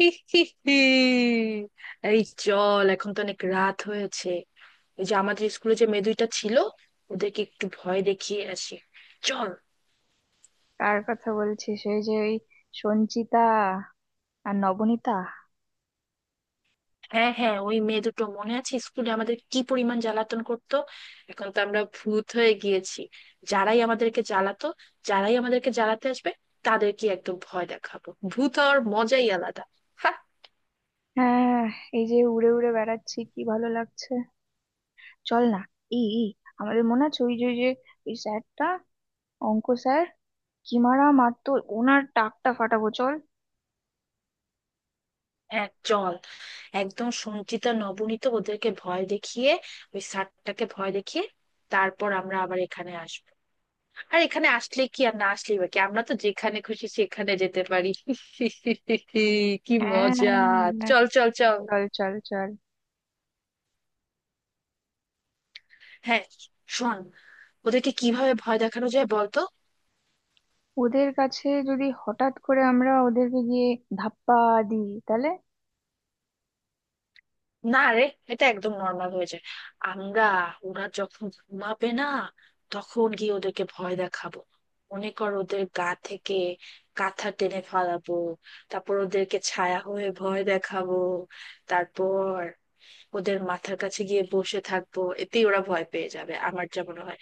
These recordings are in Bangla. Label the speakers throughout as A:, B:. A: এই চল, এখন তো অনেক রাত হয়েছে। এই যে আমাদের স্কুলে যে মেয়ে দুইটা ছিল, ওদেরকে একটু ভয় দেখিয়ে আসি, চল।
B: কার কথা বলছিস? এই যে ওই সঞ্চিতা আর নবনীতা।
A: হ্যাঁ হ্যাঁ, ওই মেয়ে দুটো মনে আছে? স্কুলে আমাদের কি পরিমাণ জ্বালাতন করতো। এখন তো আমরা ভূত হয়ে গিয়েছি। যারাই আমাদেরকে জ্বালাতো, যারাই আমাদেরকে জ্বালাতে আসবে, তাদেরকে একদম ভয় দেখাবো। ভূত হওয়ার মজাই আলাদা। হ্যাঁ,
B: হ্যাঁ, এই যে উড়ে উড়ে বেড়াচ্ছি, কি ভালো লাগছে। চল না। ই ই, আমাদের মনে আছে ওই যে ওই স্যারটা, অঙ্ক স্যার, কি মারা মারতো। ওনার টাকটা ফাটাবো, চল।
A: হ্যাঁ চল। একদম সঞ্চিতা নবনীত ওদেরকে ভয় দেখিয়ে, ওই স্যারটাকে ভয় দেখিয়ে, তারপর আমরা আবার এখানে আসবো। আর এখানে আসলে কি আর না আসলেই বা কি, আমরা তো যেখানে খুশি সেখানে যেতে পারি। কি মজা!
B: হ্যাঁ,
A: চল, চল, চল!
B: চল চল চল।
A: হ্যাঁ, শোন, ওদেরকে কিভাবে ভয় দেখানো যায় বলতো?
B: ওদের কাছে যদি হঠাৎ করে আমরা ওদেরকে গিয়ে ধাপ্পা দিই, তাহলে?
A: না রে, এটা একদম নর্মাল হয়ে যায়। আমরা, ওরা যখন ঘুমাবে না, তখন গিয়ে ওদেরকে ভয় দেখাবো। মনে কর, ওদের গা থেকে কাঁথা টেনে ফালাবো, তারপর ওদেরকে ছায়া হয়ে ভয় দেখাবো। তারপর ওদের মাথার কাছে গিয়ে বসে থাকবো, এতেই ওরা ভয় পেয়ে যাবে আমার যা মনে হয়।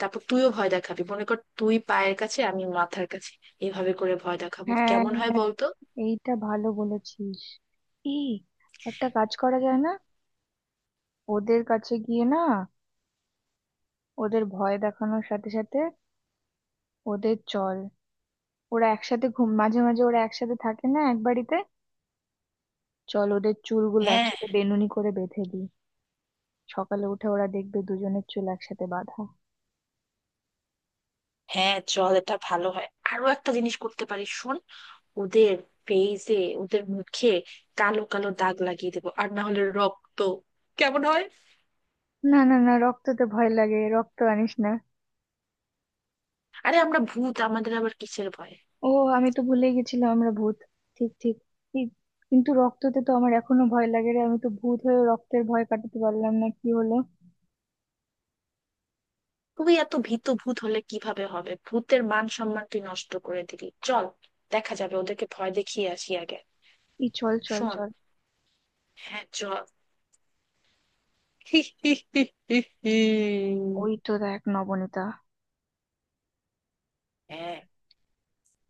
A: তারপর তুইও ভয় দেখাবি, মনে কর তুই পায়ের কাছে আমি মাথার কাছে। এভাবে করে ভয় দেখাবো,
B: হ্যাঁ,
A: কেমন হয় বলতো?
B: এইটা ভালো বলেছিস। ই একটা কাজ করা যায় না? ওদের কাছে গিয়ে না, ওদের ভয় দেখানোর সাথে সাথে ওদের, চল। ওরা একসাথে ঘুম, মাঝে মাঝে ওরা একসাথে থাকে না এক বাড়িতে। চল, ওদের চুলগুলো
A: হ্যাঁ,
B: একসাথে বেনুনি করে বেঁধে দিই। সকালে উঠে ওরা দেখবে দুজনের চুল একসাথে বাঁধা।
A: হ্যাঁ চল, এটা ভালো হয়। আরো একটা জিনিস করতে পারি, শোন। ওদের ফেসে, ওদের মুখে কালো কালো দাগ লাগিয়ে দেবো, আর না হলে রক্ত। কেমন হয়?
B: না না না, রক্ততে ভয় লাগে, রক্ত আনিস না।
A: আরে আমরা ভূত, আমাদের আবার কিসের ভয়!
B: ও, আমি তো ভুলে গেছিলাম আমরা ভূত। ঠিক ঠিক ঠিক। কিন্তু রক্ততে তো আমার এখনো ভয় লাগে রে। আমি তো ভূত হয়ে রক্তের ভয় কাটাতে পারলাম না, কি হলো।
A: তুই এত ভীত, ভূত হলে কিভাবে হবে? ভূতের মান সম্মান তুই নষ্ট করে দিলি। চল, দেখা যাবে, ওদেরকে ভয় দেখিয়ে আসি আগে।
B: এই চল চল
A: শোন,
B: চল।
A: হ্যাঁ চল। হি, হি, হি, হি, হি।
B: ওই তো দেখ নবনীতা।
A: হ্যাঁ,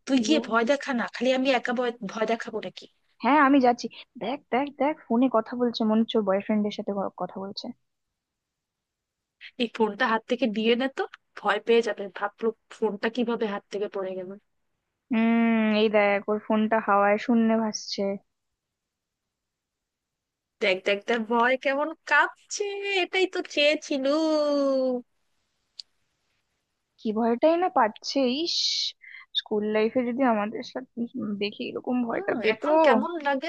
A: তুই
B: ইউ
A: গিয়ে ভয় দেখা না, খালি আমি একা ভয় ভয় দেখাবো নাকি?
B: হ্যাঁ, আমি যাচ্ছি। দেখ দেখ দেখ, ফোনে কথা বলছে, মনে হচ্ছে ওর বয়ফ্রেন্ডের সাথে কথা বলছে।
A: এই ফোনটা হাত থেকে দিয়ে নে তো, ভয় পেয়ে যাবে ভাবলো ফোনটা কিভাবে হাত থেকে পড়ে গেল।
B: হুম, এই দেখ ওর ফোনটা হাওয়ায় শূন্যে ভাসছে।
A: দেখ, দেখ, দেখ, ভয় কেমন কাঁপছে। এটাই তো চেয়েছিলু।
B: কি ভয়টাই না পাচ্ছে। ইস, স্কুল লাইফে যদি আমাদের সাথে দেখি এরকম ভয়টা
A: হুম,
B: পেতো।
A: এখন কেমন লাগে?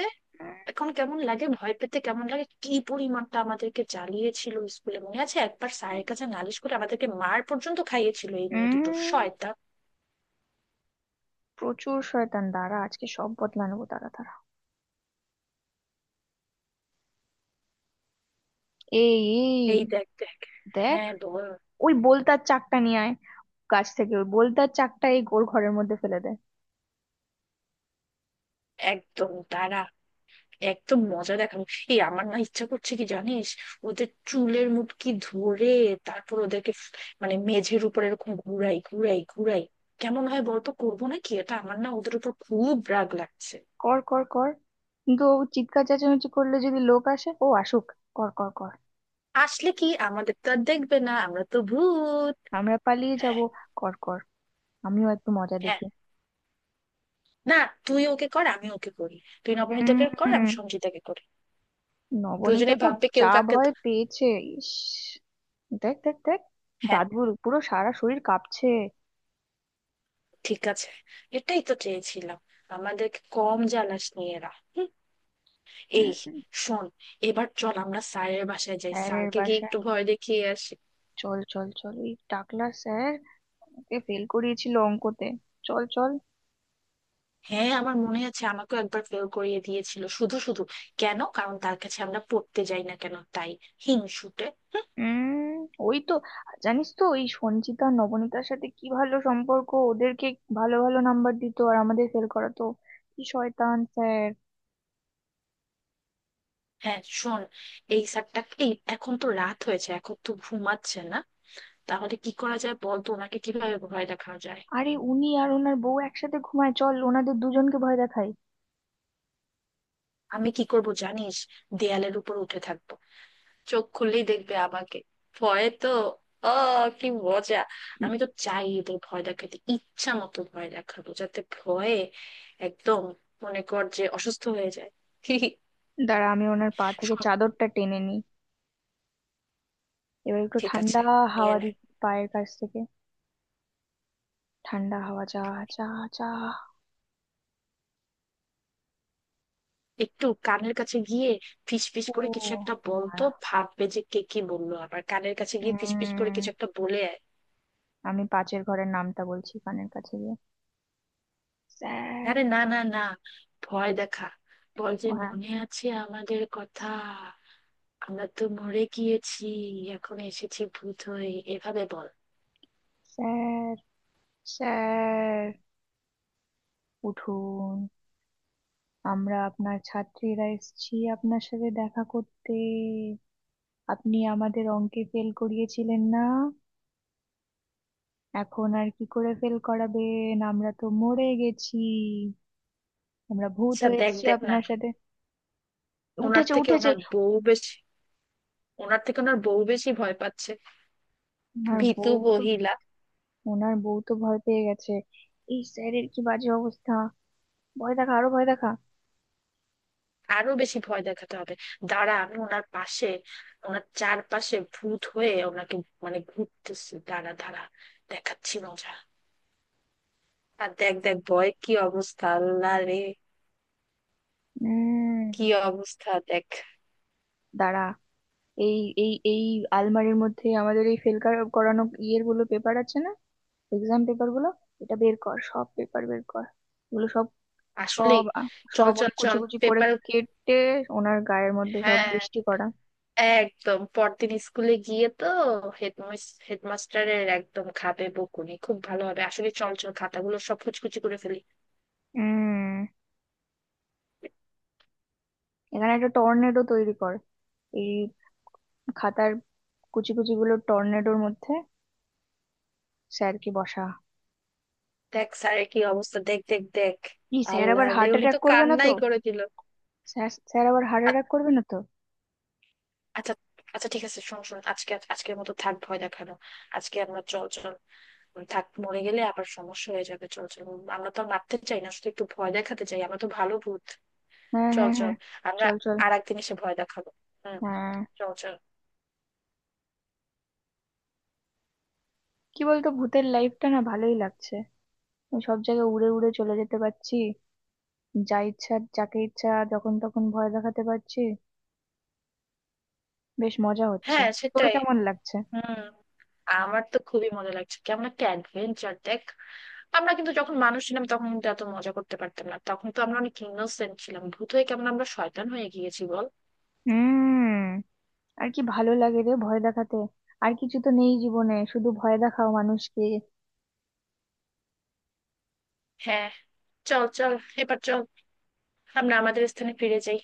A: এখন কেমন লাগে ভয় পেতে, কেমন লাগে? কি পরিমাণটা আমাদেরকে জ্বালিয়েছিল স্কুলে, মনে আছে একবার স্যারের কাছে নালিশ করে আমাদেরকে মার পর্যন্ত খাইয়েছিল এই মেয়ে দুটো,
B: উম
A: শয়তান।
B: প্রচুর শয়তান। দাঁড়া, আজকে সব বদলা নেবো। দাঁড়া দাঁড়া। এই, এই
A: এই দেখ দেখ।
B: দেখ,
A: হ্যাঁ বল।
B: ওই বোলতার চাকটা নিয়ে আয়। গাছ থেকে ওই বোলতার চাকটা এই গোর ঘরের মধ্যে ফেলে দে।
A: একদম দাঁড়া, একদম মজা দেখানো। এই, আমার না ইচ্ছা করছে কি জানিস, ওদের চুলের মুটকি ধরে তারপর ওদেরকে মানে মেঝের উপর এরকম ঘুরাই ঘুরাই ঘুরাই। কেমন হয় বলতো, করবো না কি এটা? আমার না ওদের উপর খুব রাগ লাগছে।
B: কর কর কর। কিন্তু ও চিৎকার চেঁচামেচি করলে যদি লোক আসে, ও আসুক। কর কর কর।
A: আসলে কি, আমাদের তো আর দেখবে না, আমরা তো ভূত।
B: আমরা পালিয়ে যাব।
A: হ্যাঁ।
B: কর কর, আমিও একটু মজা
A: হ্যাঁ।
B: দেখি।
A: না, তুই ওকে কর আমি ওকে করি। তুই নবনীতাকে কর
B: হুম,
A: আমি সঞ্জিতাকে করি। দুজনে
B: নবনীতা তো
A: ভাববে কেউ
B: যা
A: কাকে ধ-।
B: ভয় পেয়েছে। ইস, দেখ দেখ দেখ,
A: হ্যাঁ,
B: দাদুর পুরো সারা শরীর কাঁপছে।
A: ঠিক আছে, এটাই তো চেয়েছিলাম। আমাদেরকে কম জ্বালাস নিয়ে এরা।
B: হুম,
A: এই,
B: হুম।
A: শোন, এবার চল আমরা স্যারের বাসায় যাই,
B: স্যারের
A: স্যারকে গিয়ে একটু
B: বাসায়?
A: ভয় দেখিয়ে আসি।
B: চল চল চল, ওই টাকলা স্যার ওকে ফেল করিয়েছিল অঙ্কতে। চল চল।
A: হ্যাঁ, আমার মনে আছে, আমাকেও একবার ফেল করিয়ে দিয়েছিল শুধু শুধু। কেন? কারণ তার কাছে আমরা পড়তে যাই না কেন, তাই। হিংসুটে।
B: উম ওই তো, জানিস তো ওই সঞ্চিতা নবনীতার সাথে কি ভালো সম্পর্ক। ওদেরকে ভালো ভালো নাম্বার দিত আর আমাদের ফেল করাতো। কি শয়তান স্যার।
A: হ্যাঁ শোন, এই স্যারটা, এই এখন তো রাত হয়েছে, এখন তো ঘুমাচ্ছে না। তাহলে কি করা যায় বল তো, ওনাকে কিভাবে ভয় দেখানো যায়?
B: আরে উনি আর ওনার বউ একসাথে ঘুমায়, চল ওনাদের দুজনকে ভয় দেখাই।
A: আমি কি করব জানিস, দেয়ালের উপর উঠে থাকবো, চোখ খুললেই দেখবে আমাকে, ভয়ে তো ও, কি মজা!
B: উম,
A: আমি তো চাই এদের ভয় দেখাতে, ইচ্ছা মতো ভয় দেখাবো যাতে ভয়ে একদম, মনে কর যে অসুস্থ হয়ে যায়।
B: দাঁড়া, আমি ওনার পা থেকে
A: শোন,
B: চাদরটা টেনে নিই। এবার একটু
A: ঠিক
B: ঠান্ডা
A: আছে, নিয়ে
B: হাওয়া
A: নে।
B: দি পায়ের কাছ থেকে। ঠান্ডা হাওয়া, চা চা চা।
A: একটু কানের কাছে গিয়ে ফিস ফিস
B: ও
A: করে কিছু একটা বলতো,
B: দাঁড়া,
A: ভাববে যে কে কি বললো। আবার কানের কাছে গিয়ে ফিস ফিস করে কিছু
B: উম
A: একটা বলে আয়।
B: আমি পাঁচের ঘরের নামটা বলছি কানের কাছে গিয়ে। স্যার!
A: আরে না না না, ভয় দেখা। বল যে,
B: ও হ্যাঁ।
A: মনে আছে আমাদের কথা? আমরা তো মরে গিয়েছি, এখন এসেছি ভূত হয়ে। এভাবে বল।
B: স্যার, স্যার উঠুন, আমরা আপনার ছাত্রীরা এসেছি আপনার সাথে দেখা করতে। আপনি আমাদের অঙ্কে ফেল করিয়েছিলেন না? এখন আর কি করে ফেল করাবেন, আমরা তো মরে গেছি। আমরা ভূত
A: আচ্ছা
B: হয়ে
A: দেখ
B: এসেছি
A: দেখ না,
B: আপনার সাথে।
A: ওনার
B: উঠেছে
A: থেকে
B: উঠেছে।
A: ওনার বউ বেশি, ওনার থেকে ওনার বউ বেশি ভয় পাচ্ছে।
B: ওনার
A: ভীতু
B: বউ তো
A: মহিলা।
B: ওনার বউ তো ভয় পেয়ে গেছে। এই স্যারের কি বাজে অবস্থা। ভয় দেখা, আরো ভয় দেখা।
A: আরো বেশি ভয় দেখাতে হবে। দাঁড়া, আমি ওনার পাশে, ওনার চারপাশে ভূত হয়ে ওনাকে, মানে ঘুরতেছি, দাঁড়া দাঁড়া, দেখাচ্ছি মজা। আর দেখ দেখ, ভয় কি অবস্থা, আল্লাহ রে!
B: উম
A: কি অবস্থা দেখ।
B: দাঁড়া, এই এই এই আলমারির মধ্যে আমাদের এই ফেল করানো ইয়ের গুলো পেপার আছে না, এক্সাম পেপার গুলো, এটা বের কর, সব পেপার বের কর। এগুলো সব,
A: আসলে
B: সব আ-
A: চল
B: সব
A: চল
B: অনেক কুচি
A: চল
B: কুচি করে
A: পেপার।
B: কেটে ওনার গায়ের মধ্যে সব
A: হ্যাঁ,
B: বৃষ্টি করা।
A: একদম পরদিন স্কুলে গিয়ে তো হেডমাস্টারের একদম খাবে বকুনি, খুব ভালো হবে আসলে। চল চল, খাতাগুলো সব কুচকুচি করে ফেলি।
B: হুম, এখানে একটা টর্নেডো তৈরি কর। এই খাতার কুচি কুচি গুলো টর্নেডোর মধ্যে, স্যারকে বসা।
A: দেখ স্যারের কি অবস্থা, দেখ, দেখ, দেখ।
B: কি স্যার আবার
A: আল্লাহ রে,
B: হার্ট
A: উনি
B: অ্যাটাক
A: তো
B: করবে না তো?
A: কান্নাই করে দিল।
B: স্যার, স্যার আবার হার্ট
A: আ-
B: অ্যাটাক করবে না তো?
A: আচ্ছা, আচ্ছা ঠিক আছে, শোন শোন, আজকে আজকের মতো থাক ভয় দেখানো। আজকে আমরা চল চল, থাক, মরে গেলে আবার সমস্যা হয়ে যাবে। চল চল, আমরা তো আর মারতে চাই না, শুধু একটু ভয় দেখাতে চাই, আমরা তো ভালো ভূত।
B: হ্যাঁ
A: চল
B: হ্যাঁ
A: চল।
B: হ্যাঁ,
A: আমরা
B: চল চল।
A: আর একদিন এসে ভয় দেখাবো। হম।
B: হ্যাঁ।
A: চল চল।
B: কি বলতো, ভূতের লাইফটা না ভালোই লাগছে। আমি সব জায়গায় উড়ে উড়ে চলে যেতে পারছি। যা ইচ্ছা, যাকে ইচ্ছা, যখন তখন ভয় দেখাতে পারছি। বেশ মজা হচ্ছে।
A: হ্যাঁ
B: তোর
A: সেটাই।
B: কেমন লাগছে?
A: হুম, আমার তো খুবই মজা লাগছে, কেমন একটা অ্যাডভেঞ্চার দেখ। আমরা কিন্তু যখন মানুষ ছিলাম তখন কিন্তু এত মজা করতে পারতাম না, তখন তো আমরা অনেক ইনোসেন্ট ছিলাম। ভূত হয়ে কেমন আমরা শয়তান হয়ে গিয়েছি বল।
B: হুম, আর কি ভালো লাগে রে ভয় দেখাতে। আর কিছু তো নেই জীবনে, শুধু ভয় দেখাও মানুষকে।
A: হ্যাঁ, চল চল, এবার চল আমরা আমাদের স্থানে ফিরে যাই।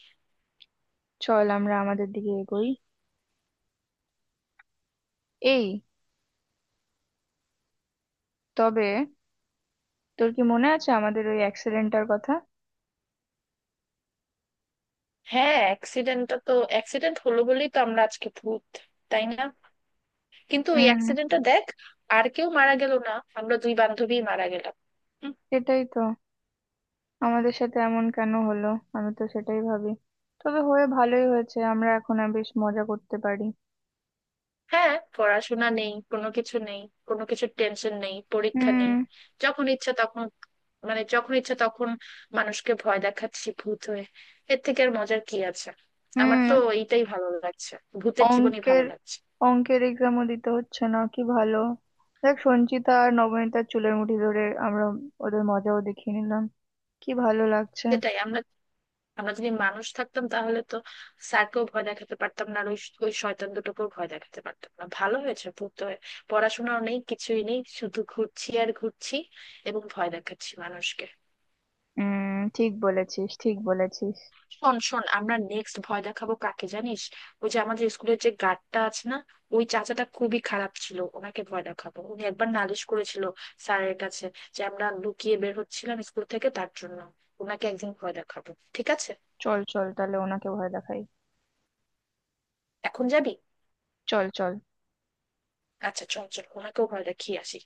B: চল, আমরা আমাদের দিকে এগোই। এই, তবে তোর কি মনে আছে আমাদের ওই অ্যাক্সিডেন্টটার কথা?
A: হ্যাঁ, অ্যাক্সিডেন্টটা তো, অ্যাক্সিডেন্ট হলো বলেই তো আমরা আজকে ভূত, তাই না? কিন্তু ওই
B: হুম,
A: অ্যাক্সিডেন্টটা দেখ, আর কেউ মারা গেল না, আমরা দুই বান্ধবী মারা গেলাম।
B: সেটাই তো। আমাদের সাথে এমন কেন হলো, আমি তো সেটাই ভাবি। তবে হয়ে ভালোই হয়েছে, আমরা এখন আর বেশ মজা করতে পারি।
A: হ্যাঁ, পড়াশোনা নেই, কোনো কিছু নেই, কোনো কিছুর টেনশন নেই, পরীক্ষা
B: হুম
A: নেই। যখন ইচ্ছা তখন, মানে যখন ইচ্ছা তখন মানুষকে ভয় দেখাচ্ছি ভূত হয়ে, এর থেকে আর মজার কি আছে? আমার তো
B: হুম।
A: এইটাই ভালো লাগছে, ভূতের জীবনই ভালো
B: অঙ্কের,
A: লাগছে।
B: অঙ্কের এক্সামও দিতে হচ্ছে না, কি ভালো। দেখ সঞ্চিতা আর নবনীতার চুলের মুঠি ধরে আমরা ওদের মজাও দেখিয়ে নিলাম, কি ভালো লাগছে।
A: সেটাই, আমরা, আমরা যদি মানুষ থাকতাম তাহলে তো স্যারকেও ভয় দেখাতে পারতাম না, আর ওই, ওই শয়তান দুটোকেও ভয় দেখাতে পারতাম না। ভালো হয়েছে ভূত হয়ে, পড়াশোনাও নেই, কিছুই নেই, শুধু ঘুরছি আর ঘুরছি এবং ভয় দেখাচ্ছি মানুষকে।
B: ঠিক বলেছিস, ঠিক বলেছিস।
A: শোন শোন, আমরা নেক্সট ভয় দেখাবো কাকে জানিস? ওই যে আমাদের স্কুলের যে গার্ডটা আছে না, ওই চাচাটা খুবই খারাপ ছিল, ওনাকে ভয় দেখাবো। উনি একবার নালিশ করেছিল স্যারের কাছে যে আমরা লুকিয়ে বের হচ্ছিলাম স্কুল থেকে, তার জন্য ওনাকে একদিন ভয় দেখাবো, ঠিক আছে?
B: চল চল, তাহলে ওনাকে ভয় দেখাই।
A: এখন যাবি?
B: চল চল।
A: আচ্ছা চল চল, ওনাকেও ভয় দেখিয়ে আসি।